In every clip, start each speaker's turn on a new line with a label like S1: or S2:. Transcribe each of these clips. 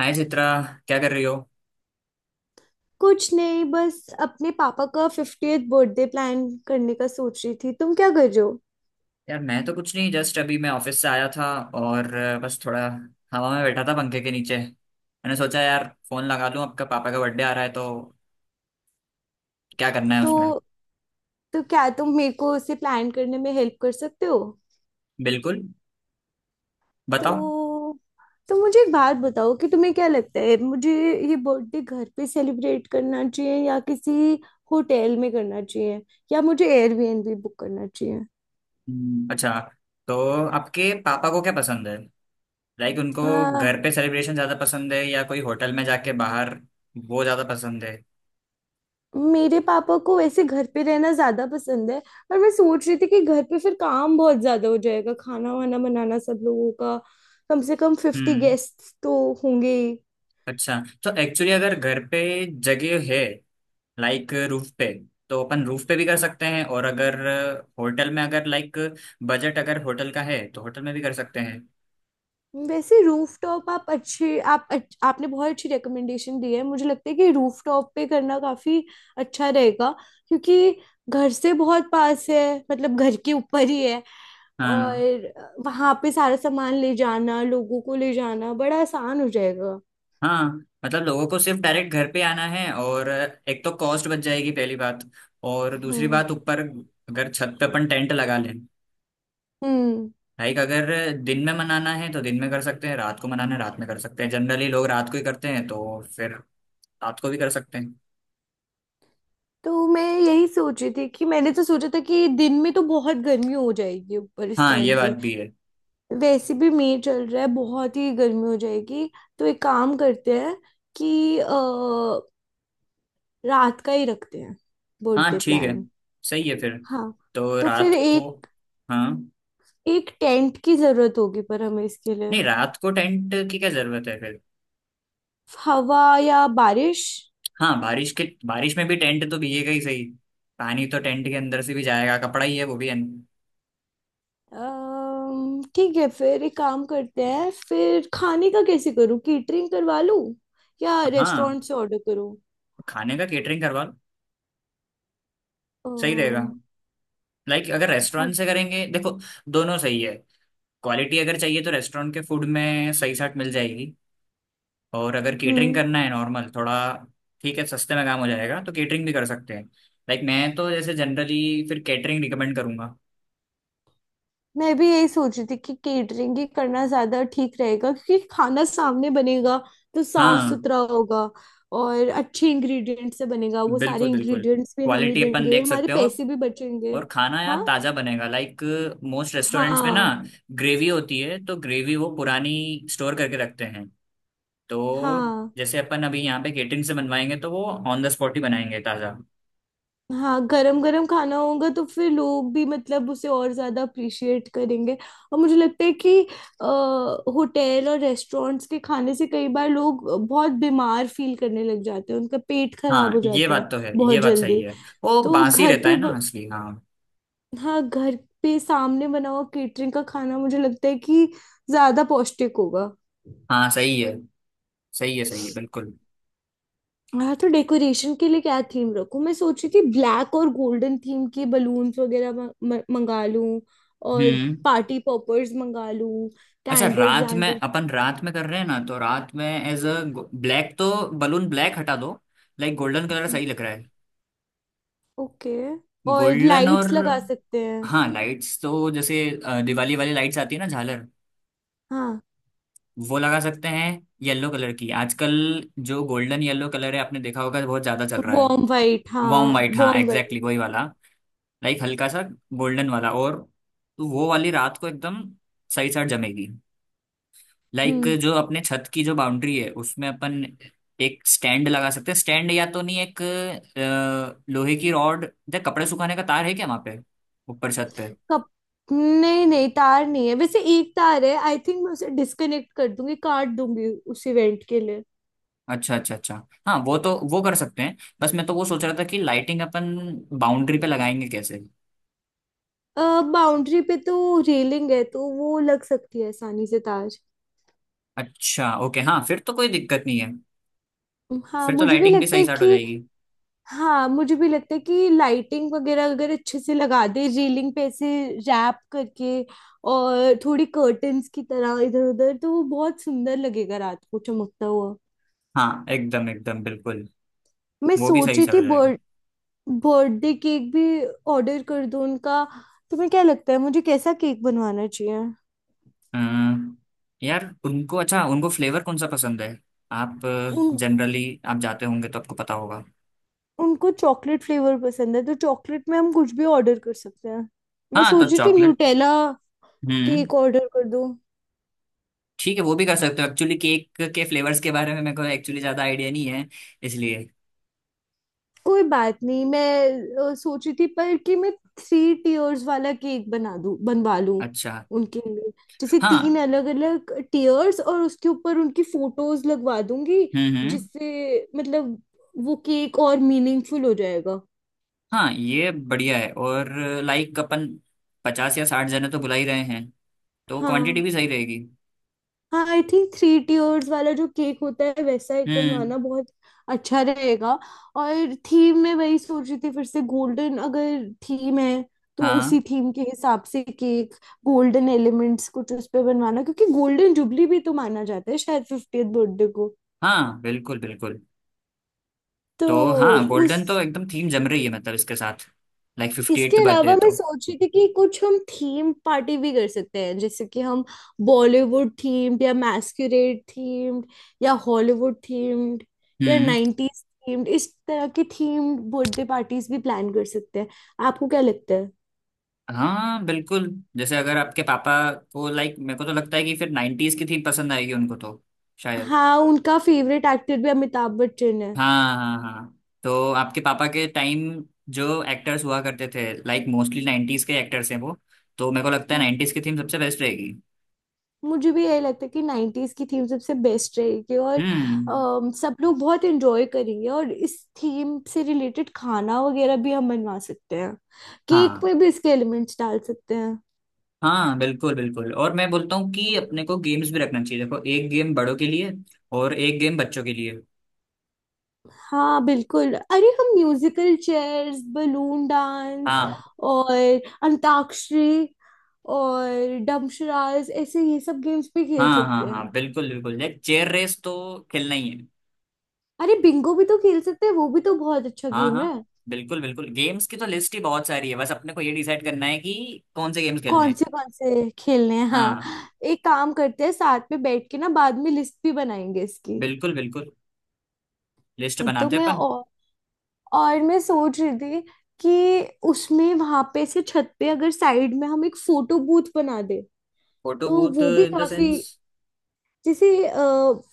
S1: हाय चित्रा, क्या कर रही हो?
S2: कुछ नहीं, बस अपने पापा का 50th बर्थडे प्लान करने का सोच रही थी। तुम क्या कर रहे हो?
S1: यार मैं तो कुछ नहीं, जस्ट अभी मैं ऑफिस से आया था, और बस थोड़ा हवा में बैठा था पंखे के नीचे। मैंने सोचा यार फोन लगा लूं, आपका पापा का बर्थडे आ रहा है तो क्या करना है उसमें।
S2: तो तो क्या तुम मेरे को उसे प्लान करने में हेल्प कर सकते हो?
S1: बिल्कुल, बताओ।
S2: तो तो मुझे एक बात बताओ कि तुम्हें क्या लगता है, मुझे ये बर्थडे घर पे सेलिब्रेट करना चाहिए या किसी होटल में करना चाहिए, या मुझे एयरबीएनबी बुक करना चाहिए?
S1: अच्छा, तो आपके पापा को क्या पसंद है? लाइक उनको
S2: हाँ।
S1: घर पे सेलिब्रेशन ज्यादा पसंद है, या कोई होटल में जाके बाहर वो ज्यादा पसंद है?
S2: मेरे पापा को वैसे घर पे रहना ज्यादा पसंद है, पर मैं सोच रही थी कि घर पे फिर काम बहुत ज्यादा हो जाएगा, खाना वाना बनाना सब लोगों का। कम से कम 50
S1: हम्म
S2: गेस्ट तो होंगे ही।
S1: अच्छा, तो एक्चुअली अगर घर पे जगह है, लाइक रूफ पे, तो अपन रूफ पे भी कर सकते हैं, और अगर होटल में, अगर लाइक बजट अगर होटल का है तो होटल में भी कर सकते हैं।
S2: वैसे रूफटॉप, आप अच्छे आप अच्छ, आपने बहुत अच्छी रिकमेंडेशन दी है। मुझे लगता है कि रूफटॉप पे करना काफी अच्छा रहेगा, क्योंकि घर से बहुत पास है, मतलब घर के ऊपर ही है।
S1: हाँ।
S2: और वहां पे सारा सामान ले जाना, लोगों को ले जाना बड़ा आसान हो जाएगा।
S1: हाँ, मतलब लोगों को सिर्फ डायरेक्ट घर पे आना है, और एक तो कॉस्ट बच जाएगी पहली बात, और दूसरी
S2: हम्म
S1: बात ऊपर अगर छत पे अपन टेंट लगा लें।
S2: हम्म
S1: लाइक अगर दिन में मनाना है तो दिन में कर सकते हैं, रात को मनाना है रात में कर सकते हैं। जनरली लोग रात को ही करते हैं, तो फिर रात को भी कर सकते हैं।
S2: तो मैं यही सोच रही थी कि मैंने तो सोचा था कि दिन में तो बहुत गर्मी हो जाएगी ऊपर इस
S1: हाँ ये
S2: टाइम
S1: बात
S2: पे।
S1: भी है।
S2: वैसे भी मई चल रहा है, बहुत ही गर्मी हो जाएगी। तो एक काम करते हैं कि रात का ही रखते हैं
S1: हाँ
S2: बर्थडे
S1: ठीक है,
S2: प्लान।
S1: सही है फिर।
S2: हाँ,
S1: तो
S2: तो फिर
S1: रात को।
S2: एक
S1: हाँ।
S2: एक टेंट की जरूरत होगी, पर हमें इसके लिए
S1: नहीं, रात को टेंट की क्या जरूरत है फिर?
S2: हवा या बारिश।
S1: हाँ बारिश के, बारिश में भी टेंट तो भीगेगा ही, सही। पानी तो टेंट के अंदर से भी जाएगा, कपड़ा ही है वो भी अन-।
S2: ठीक है, फिर एक काम करते हैं, फिर खाने का कैसे करूँ? कैटरिंग करवा लूँ या
S1: हाँ,
S2: रेस्टोरेंट से ऑर्डर करूँ?
S1: खाने का केटरिंग करवा लो, सही रहेगा।
S2: अम्म,
S1: लाइक अगर
S2: अ-
S1: रेस्टोरेंट से करेंगे, देखो दोनों सही है। क्वालिटी अगर चाहिए तो रेस्टोरेंट के फूड में सही साट मिल जाएगी, और अगर केटरिंग
S2: हम्म
S1: करना है नॉर्मल थोड़ा, ठीक है, सस्ते में काम हो जाएगा तो केटरिंग भी कर सकते हैं। लाइक मैं तो जैसे जनरली फिर कैटरिंग रिकमेंड करूंगा।
S2: मैं भी यही सोच रही थी कि केटरिंग ही करना ज्यादा ठीक रहेगा, क्योंकि खाना सामने बनेगा तो साफ
S1: हाँ
S2: सुथरा होगा। और अच्छे इंग्रेडिएंट से बनेगा, वो सारे
S1: बिल्कुल बिल्कुल,
S2: इंग्रेडिएंट्स भी हम ही
S1: क्वालिटी अपन
S2: देंगे,
S1: देख
S2: हमारे
S1: सकते हो,
S2: पैसे भी बचेंगे।
S1: और खाना यार
S2: हाँ,
S1: ताजा बनेगा। लाइक मोस्ट रेस्टोरेंट्स में ना,
S2: हाँ,
S1: ग्रेवी होती है, तो ग्रेवी वो पुरानी स्टोर करके रखते हैं। तो
S2: हाँ,
S1: जैसे अपन अभी यहाँ पे केटरिंग से बनवाएंगे तो वो ऑन द स्पॉट ही बनाएंगे, ताजा।
S2: हाँ, गरम गरम खाना होगा तो फिर लोग भी मतलब उसे और ज्यादा अप्रिशिएट करेंगे। और मुझे लगता है कि होटल और रेस्टोरेंट्स के खाने से कई बार लोग बहुत बीमार फील करने लग जाते हैं, उनका पेट खराब हो
S1: हाँ ये
S2: जाते हैं
S1: बात तो है,
S2: बहुत
S1: ये बात सही
S2: जल्दी।
S1: है। वो
S2: तो
S1: बासी
S2: घर
S1: रहता
S2: पे
S1: है ना
S2: ब...
S1: असली, हाँ।
S2: हाँ, घर पे सामने बना हुआ केटरिंग का खाना मुझे लगता है कि ज्यादा पौष्टिक होगा।
S1: हाँ, सही है सही है सही है, बिल्कुल।
S2: हाँ, तो डेकोरेशन के लिए क्या थीम रखूं? मैं सोच रही थी ब्लैक और गोल्डन थीम के बलून्स वगैरह मंगा लूं। और
S1: हम्म।
S2: पार्टी पॉपर्स मंगा लूं,
S1: अच्छा,
S2: कैंडल्स वैंडल्स।
S1: रात में कर रहे हैं ना, तो रात में एज अ ब्लैक तो, बलून ब्लैक हटा दो। लाइक गोल्डन कलर सही लग रहा है।
S2: ओके, और
S1: गोल्डन, और
S2: लाइट्स लगा सकते हैं।
S1: हाँ लाइट्स तो जैसे दिवाली वाली लाइट्स आती है ना, झालर,
S2: हाँ,
S1: वो लगा सकते हैं। येलो कलर की आजकल, जो गोल्डन येलो कलर है, आपने देखा होगा, बहुत ज्यादा चल रहा है।
S2: Warm white. हाँ,
S1: वार्म वाइट, हाँ
S2: वार्म वाइट।
S1: एग्जैक्टली वही वाला। लाइक हल्का सा गोल्डन वाला, और तो वो वाली रात को एकदम सही साथ जमेगी। लाइक
S2: हम्म
S1: जो अपने छत की जो बाउंड्री है, उसमें अपन एक स्टैंड लगा सकते हैं, स्टैंड या तो नहीं, एक लोहे की रॉड, या कपड़े सुखाने का तार है क्या वहां पे ऊपर छत पे?
S2: कप नहीं नहीं, तार नहीं है। वैसे एक तार है आई थिंक, मैं उसे डिस्कनेक्ट कर दूंगी, काट दूंगी उस इवेंट के लिए।
S1: अच्छा अच्छा अच्छा, हाँ वो तो वो कर सकते हैं। बस मैं तो वो सोच रहा था कि लाइटिंग अपन बाउंड्री पे लगाएंगे कैसे?
S2: बाउंड्री पे तो रेलिंग है, तो वो लग सकती है आसानी से तार।
S1: अच्छा ओके, हाँ फिर तो कोई दिक्कत नहीं है।
S2: हाँ,
S1: फिर तो
S2: मुझे भी
S1: लाइटिंग भी
S2: लगता
S1: सही
S2: है
S1: स्टार्ट हो
S2: कि,
S1: जाएगी।
S2: हाँ, मुझे भी लगता है कि लाइटिंग वगैरह अगर अच्छे से लगा दे रेलिंग पे ऐसे रैप करके और थोड़ी कर्टन्स की तरह इधर उधर, तो वो बहुत सुंदर लगेगा रात को चमकता हुआ।
S1: हाँ एकदम एकदम बिल्कुल।
S2: मैं
S1: वो भी
S2: सोच
S1: सही
S2: रही
S1: स्टार्ट
S2: थी
S1: हो जाएगा।
S2: बर्थ बर्थडे केक भी ऑर्डर कर दूं उनका। तुम्हें क्या लगता है, मुझे कैसा केक बनवाना चाहिए?
S1: अम्म, यार उनको, अच्छा उनको फ्लेवर कौन सा पसंद है? आप
S2: उन
S1: जनरली आप जाते होंगे तो आपको पता होगा।
S2: उनको चॉकलेट फ्लेवर पसंद है, तो चॉकलेट में हम कुछ भी ऑर्डर कर सकते हैं। मैं
S1: हाँ
S2: सोच
S1: तो
S2: रही थी
S1: चॉकलेट।
S2: न्यूटेला
S1: हम्म,
S2: केक ऑर्डर कर दूं।
S1: ठीक है वो भी कर सकते हो। एक्चुअली केक के फ्लेवर्स के बारे में मेरे को एक्चुअली ज्यादा आइडिया नहीं है, इसलिए।
S2: कोई बात नहीं, मैं सोच रही थी पर कि मैं थ्री टीयर्स वाला केक बना दूं, बनवा लूं
S1: अच्छा।
S2: उनके लिए। जैसे तीन
S1: हाँ।
S2: अलग अलग टीयर्स और उसके ऊपर उनकी फोटोज लगवा दूंगी,
S1: हम्म।
S2: जिससे मतलब वो केक और मीनिंगफुल हो जाएगा।
S1: हाँ ये बढ़िया है, और लाइक अपन 50 या 60 जने तो बुला ही रहे हैं, तो क्वांटिटी
S2: हाँ,
S1: भी सही रहेगी।
S2: हाँ, आई थिंक थ्री टीयर्स वाला जो केक होता है वैसा एक
S1: हम्म।
S2: बनवाना बहुत अच्छा रहेगा। और थीम में वही सोच रही थी, फिर से गोल्डन अगर थीम है तो
S1: हाँ
S2: उसी थीम के हिसाब से केक, गोल्डन एलिमेंट्स कुछ उस पे बनवाना, क्योंकि गोल्डन जुबली भी तो माना जाता है शायद 50th बर्थडे को।
S1: हाँ बिल्कुल बिल्कुल।
S2: तो
S1: तो हाँ, गोल्डन
S2: उस
S1: तो एकदम थीम जम रही है, मतलब इसके साथ, लाइक फिफ्टी
S2: इसके
S1: एट बर्थडे
S2: अलावा मैं
S1: तो।
S2: सोच रही थी कि कुछ हम थीम पार्टी भी कर सकते हैं, जैसे कि हम बॉलीवुड थीम्ड या मैस्कुरेड थीम्ड या हॉलीवुड थीम्ड या
S1: हम्म।
S2: नाइन्टीज थीम्ड, इस तरह की थीम्ड बर्थडे पार्टीज भी प्लान कर सकते हैं। आपको क्या लगता है?
S1: हाँ बिल्कुल, जैसे अगर आपके पापा को, लाइक मेरे को तो लगता है कि फिर नाइन्टीज की थीम पसंद आएगी उनको तो, शायद।
S2: हाँ, उनका फेवरेट एक्टर भी अमिताभ बच्चन
S1: हाँ हाँ हाँ, तो आपके पापा के टाइम जो एक्टर्स हुआ करते थे, लाइक मोस्टली नाइन्टीज के एक्टर्स हैं वो, तो मेरे को लगता है
S2: है।
S1: नाइन्टीज की थीम सबसे बेस्ट रहेगी।
S2: मुझे भी यही लगता है कि 90s की थीम सबसे बेस्ट रहेगी और
S1: हम्म।
S2: सब लोग बहुत एंजॉय करेंगे, और इस थीम से रिलेटेड खाना वगैरह भी हम बनवा सकते हैं, केक
S1: हाँ
S2: में भी इसके एलिमेंट्स डाल सकते हैं।
S1: हाँ बिल्कुल बिल्कुल, और मैं बोलता हूँ कि अपने को गेम्स भी रखना चाहिए। देखो एक गेम बड़ों के लिए और एक गेम बच्चों के लिए।
S2: हाँ बिल्कुल, अरे हम म्यूजिकल चेयर्स, बलून डांस
S1: हाँ।
S2: और अंताक्षरी और डमशराज, ऐसे ये सब गेम्स भी खेल
S1: हाँ हाँ
S2: सकते हैं।
S1: हाँ बिल्कुल बिल्कुल, लाइक चेयर रेस तो खेलना ही है।
S2: अरे बिंगो भी तो खेल सकते हैं, वो भी तो बहुत अच्छा
S1: हाँ
S2: गेम है।
S1: हाँ बिल्कुल बिल्कुल, गेम्स की तो लिस्ट ही बहुत सारी है, बस अपने को ये डिसाइड करना है कि कौन से गेम्स खेलने हैं।
S2: कौन से खेलने हैं, हाँ,
S1: हाँ
S2: एक काम करते हैं साथ में बैठ के ना, बाद में लिस्ट भी बनाएंगे इसकी।
S1: बिल्कुल बिल्कुल, लिस्ट
S2: तो
S1: बनाते हैं
S2: मैं
S1: अपन।
S2: और, और मैं सोच रही थी कि उसमें वहां पे से छत पे अगर साइड में हम एक फोटो बूथ बना दे,
S1: फोटो
S2: तो
S1: बूथ
S2: वो भी
S1: इन द
S2: काफी,
S1: सेंस?
S2: जैसे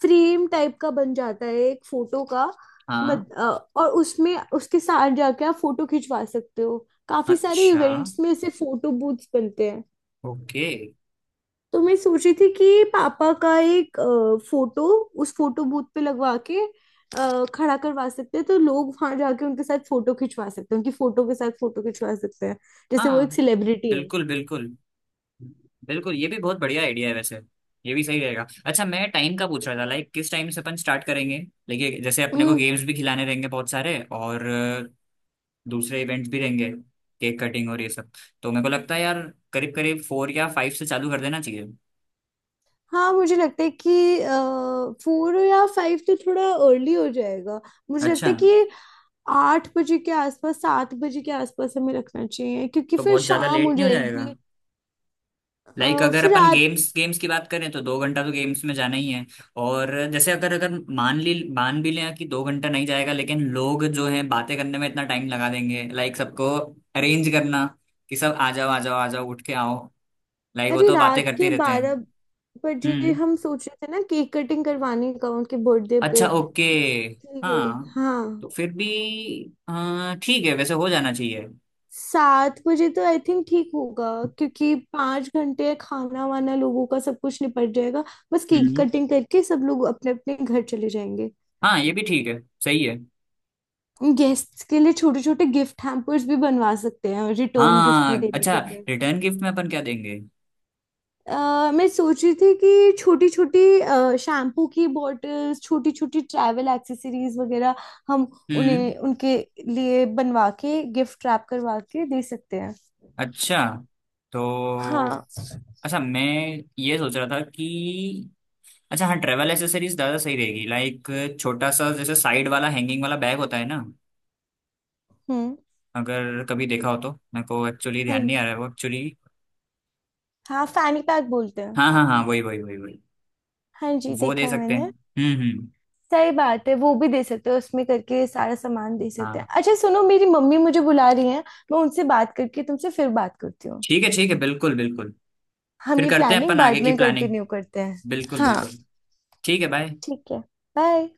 S2: फ्रेम टाइप का बन जाता है एक फोटो का।
S1: हाँ।
S2: मत, अ, और उसमें उसके साथ जाके आप फोटो खिंचवा सकते हो, काफी सारे
S1: अच्छा
S2: इवेंट्स में ऐसे फोटो बूथ्स बनते।
S1: ओके।
S2: तो मैं सोच रही थी कि पापा का एक फोटो उस फोटो बूथ पे लगवा के खड़ा करवा सकते हैं, तो लोग वहां जाके उनके साथ फोटो खिंचवा सकते हैं, उनकी फोटो के साथ फोटो खिंचवा सकते हैं, जैसे वो
S1: हाँ
S2: एक सेलिब्रिटी है।
S1: बिल्कुल बिल्कुल। बिल्कुल ये भी बहुत बढ़िया आइडिया है वैसे, ये भी सही रहेगा। अच्छा मैं टाइम का पूछ रहा था, लाइक किस टाइम से अपन स्टार्ट करेंगे, लेकिन जैसे अपने को
S2: हम्म,
S1: गेम्स भी खिलाने रहेंगे बहुत सारे, और दूसरे इवेंट्स भी रहेंगे, केक कटिंग और ये सब। तो मेरे को लगता है यार करीब करीब फोर या फाइव से चालू कर देना चाहिए।
S2: हाँ, मुझे लगता है कि फोर या फाइव तो थोड़ा अर्ली हो जाएगा। मुझे
S1: अच्छा।
S2: लगता है कि 8 बजे के आसपास, 7 बजे के आसपास हमें रखना चाहिए, क्योंकि
S1: तो
S2: फिर
S1: बहुत ज़्यादा
S2: शाम हो
S1: लेट नहीं हो जाएगा?
S2: जाएगी। अ,
S1: लाइक अगर
S2: फिर
S1: अपन
S2: रात
S1: गेम्स गेम्स की बात करें तो 2 घंटा तो गेम्स में जाना ही है। और जैसे अगर अगर मान भी लें कि 2 घंटा नहीं जाएगा, लेकिन लोग जो हैं बातें करने में इतना टाइम लगा देंगे, लाइक सबको अरेंज करना कि सब आ जाओ आ जाओ आ जाओ उठ के आओ, लाइक वो
S2: अरे
S1: तो बातें
S2: रात
S1: करते
S2: के
S1: ही रहते हैं।
S2: 12 बजे
S1: हम्म।
S2: हम सोच रहे थे ना केक कटिंग करवाने का उनके बर्थडे पे,
S1: अच्छा ओके।
S2: इसलिए।
S1: हाँ
S2: हाँ,
S1: तो फिर भी, हाँ ठीक है वैसे हो जाना चाहिए।
S2: 7 बजे तो आई थिंक ठीक होगा, क्योंकि 5 घंटे खाना वाना लोगों का सब कुछ निपट जाएगा, बस केक
S1: हम्म।
S2: कटिंग करके सब लोग अपने अपने घर चले जाएंगे।
S1: हाँ ये भी ठीक है, सही है।
S2: गेस्ट्स के लिए छोटे छोटे गिफ्ट हैम्पर्स भी बनवा सकते हैं रिटर्न गिफ्ट में
S1: हाँ
S2: देने
S1: अच्छा,
S2: के।
S1: रिटर्न गिफ्ट में अपन क्या देंगे?
S2: मैं सोच रही थी कि छोटी छोटी शैम्पू की बॉटल्स, छोटी छोटी ट्रैवल एक्सेसरीज वगैरह हम
S1: हम्म।
S2: उन्हें उनके लिए बनवा के गिफ्ट रैप करवा के दे सकते हैं।
S1: अच्छा तो,
S2: हाँ।
S1: अच्छा मैं ये सोच रहा था कि, अच्छा हाँ ट्रैवल एसेसरीज ज़्यादा सही रहेगी, लाइक छोटा सा जैसे साइड वाला हैंगिंग वाला बैग होता है ना,
S2: हम्म
S1: अगर कभी देखा हो तो, मेरे को एक्चुअली ध्यान
S2: हाँ,
S1: नहीं आ रहा है वो, एक्चुअली।
S2: हाँ, फैनी पैक बोलते हैं।
S1: हाँ हाँ हाँ वही वही वही वही,
S2: हाँ जी,
S1: वो
S2: देखा
S1: दे
S2: है
S1: सकते हैं।
S2: मैंने।
S1: हम्म।
S2: सही बात है, वो भी दे सकते हैं, उसमें करके सारा सामान दे सकते हैं।
S1: हाँ
S2: अच्छा सुनो, मेरी मम्मी मुझे बुला रही हैं, मैं उनसे बात करके तुमसे फिर बात करती हूँ।
S1: ठीक है बिल्कुल बिल्कुल।
S2: हम
S1: फिर
S2: ये
S1: करते हैं
S2: प्लानिंग
S1: अपन आगे
S2: बाद
S1: की
S2: में
S1: प्लानिंग,
S2: कंटिन्यू करते हैं।
S1: बिल्कुल
S2: हाँ,
S1: बिल्कुल। ठीक है बाय।
S2: ठीक है, बाय।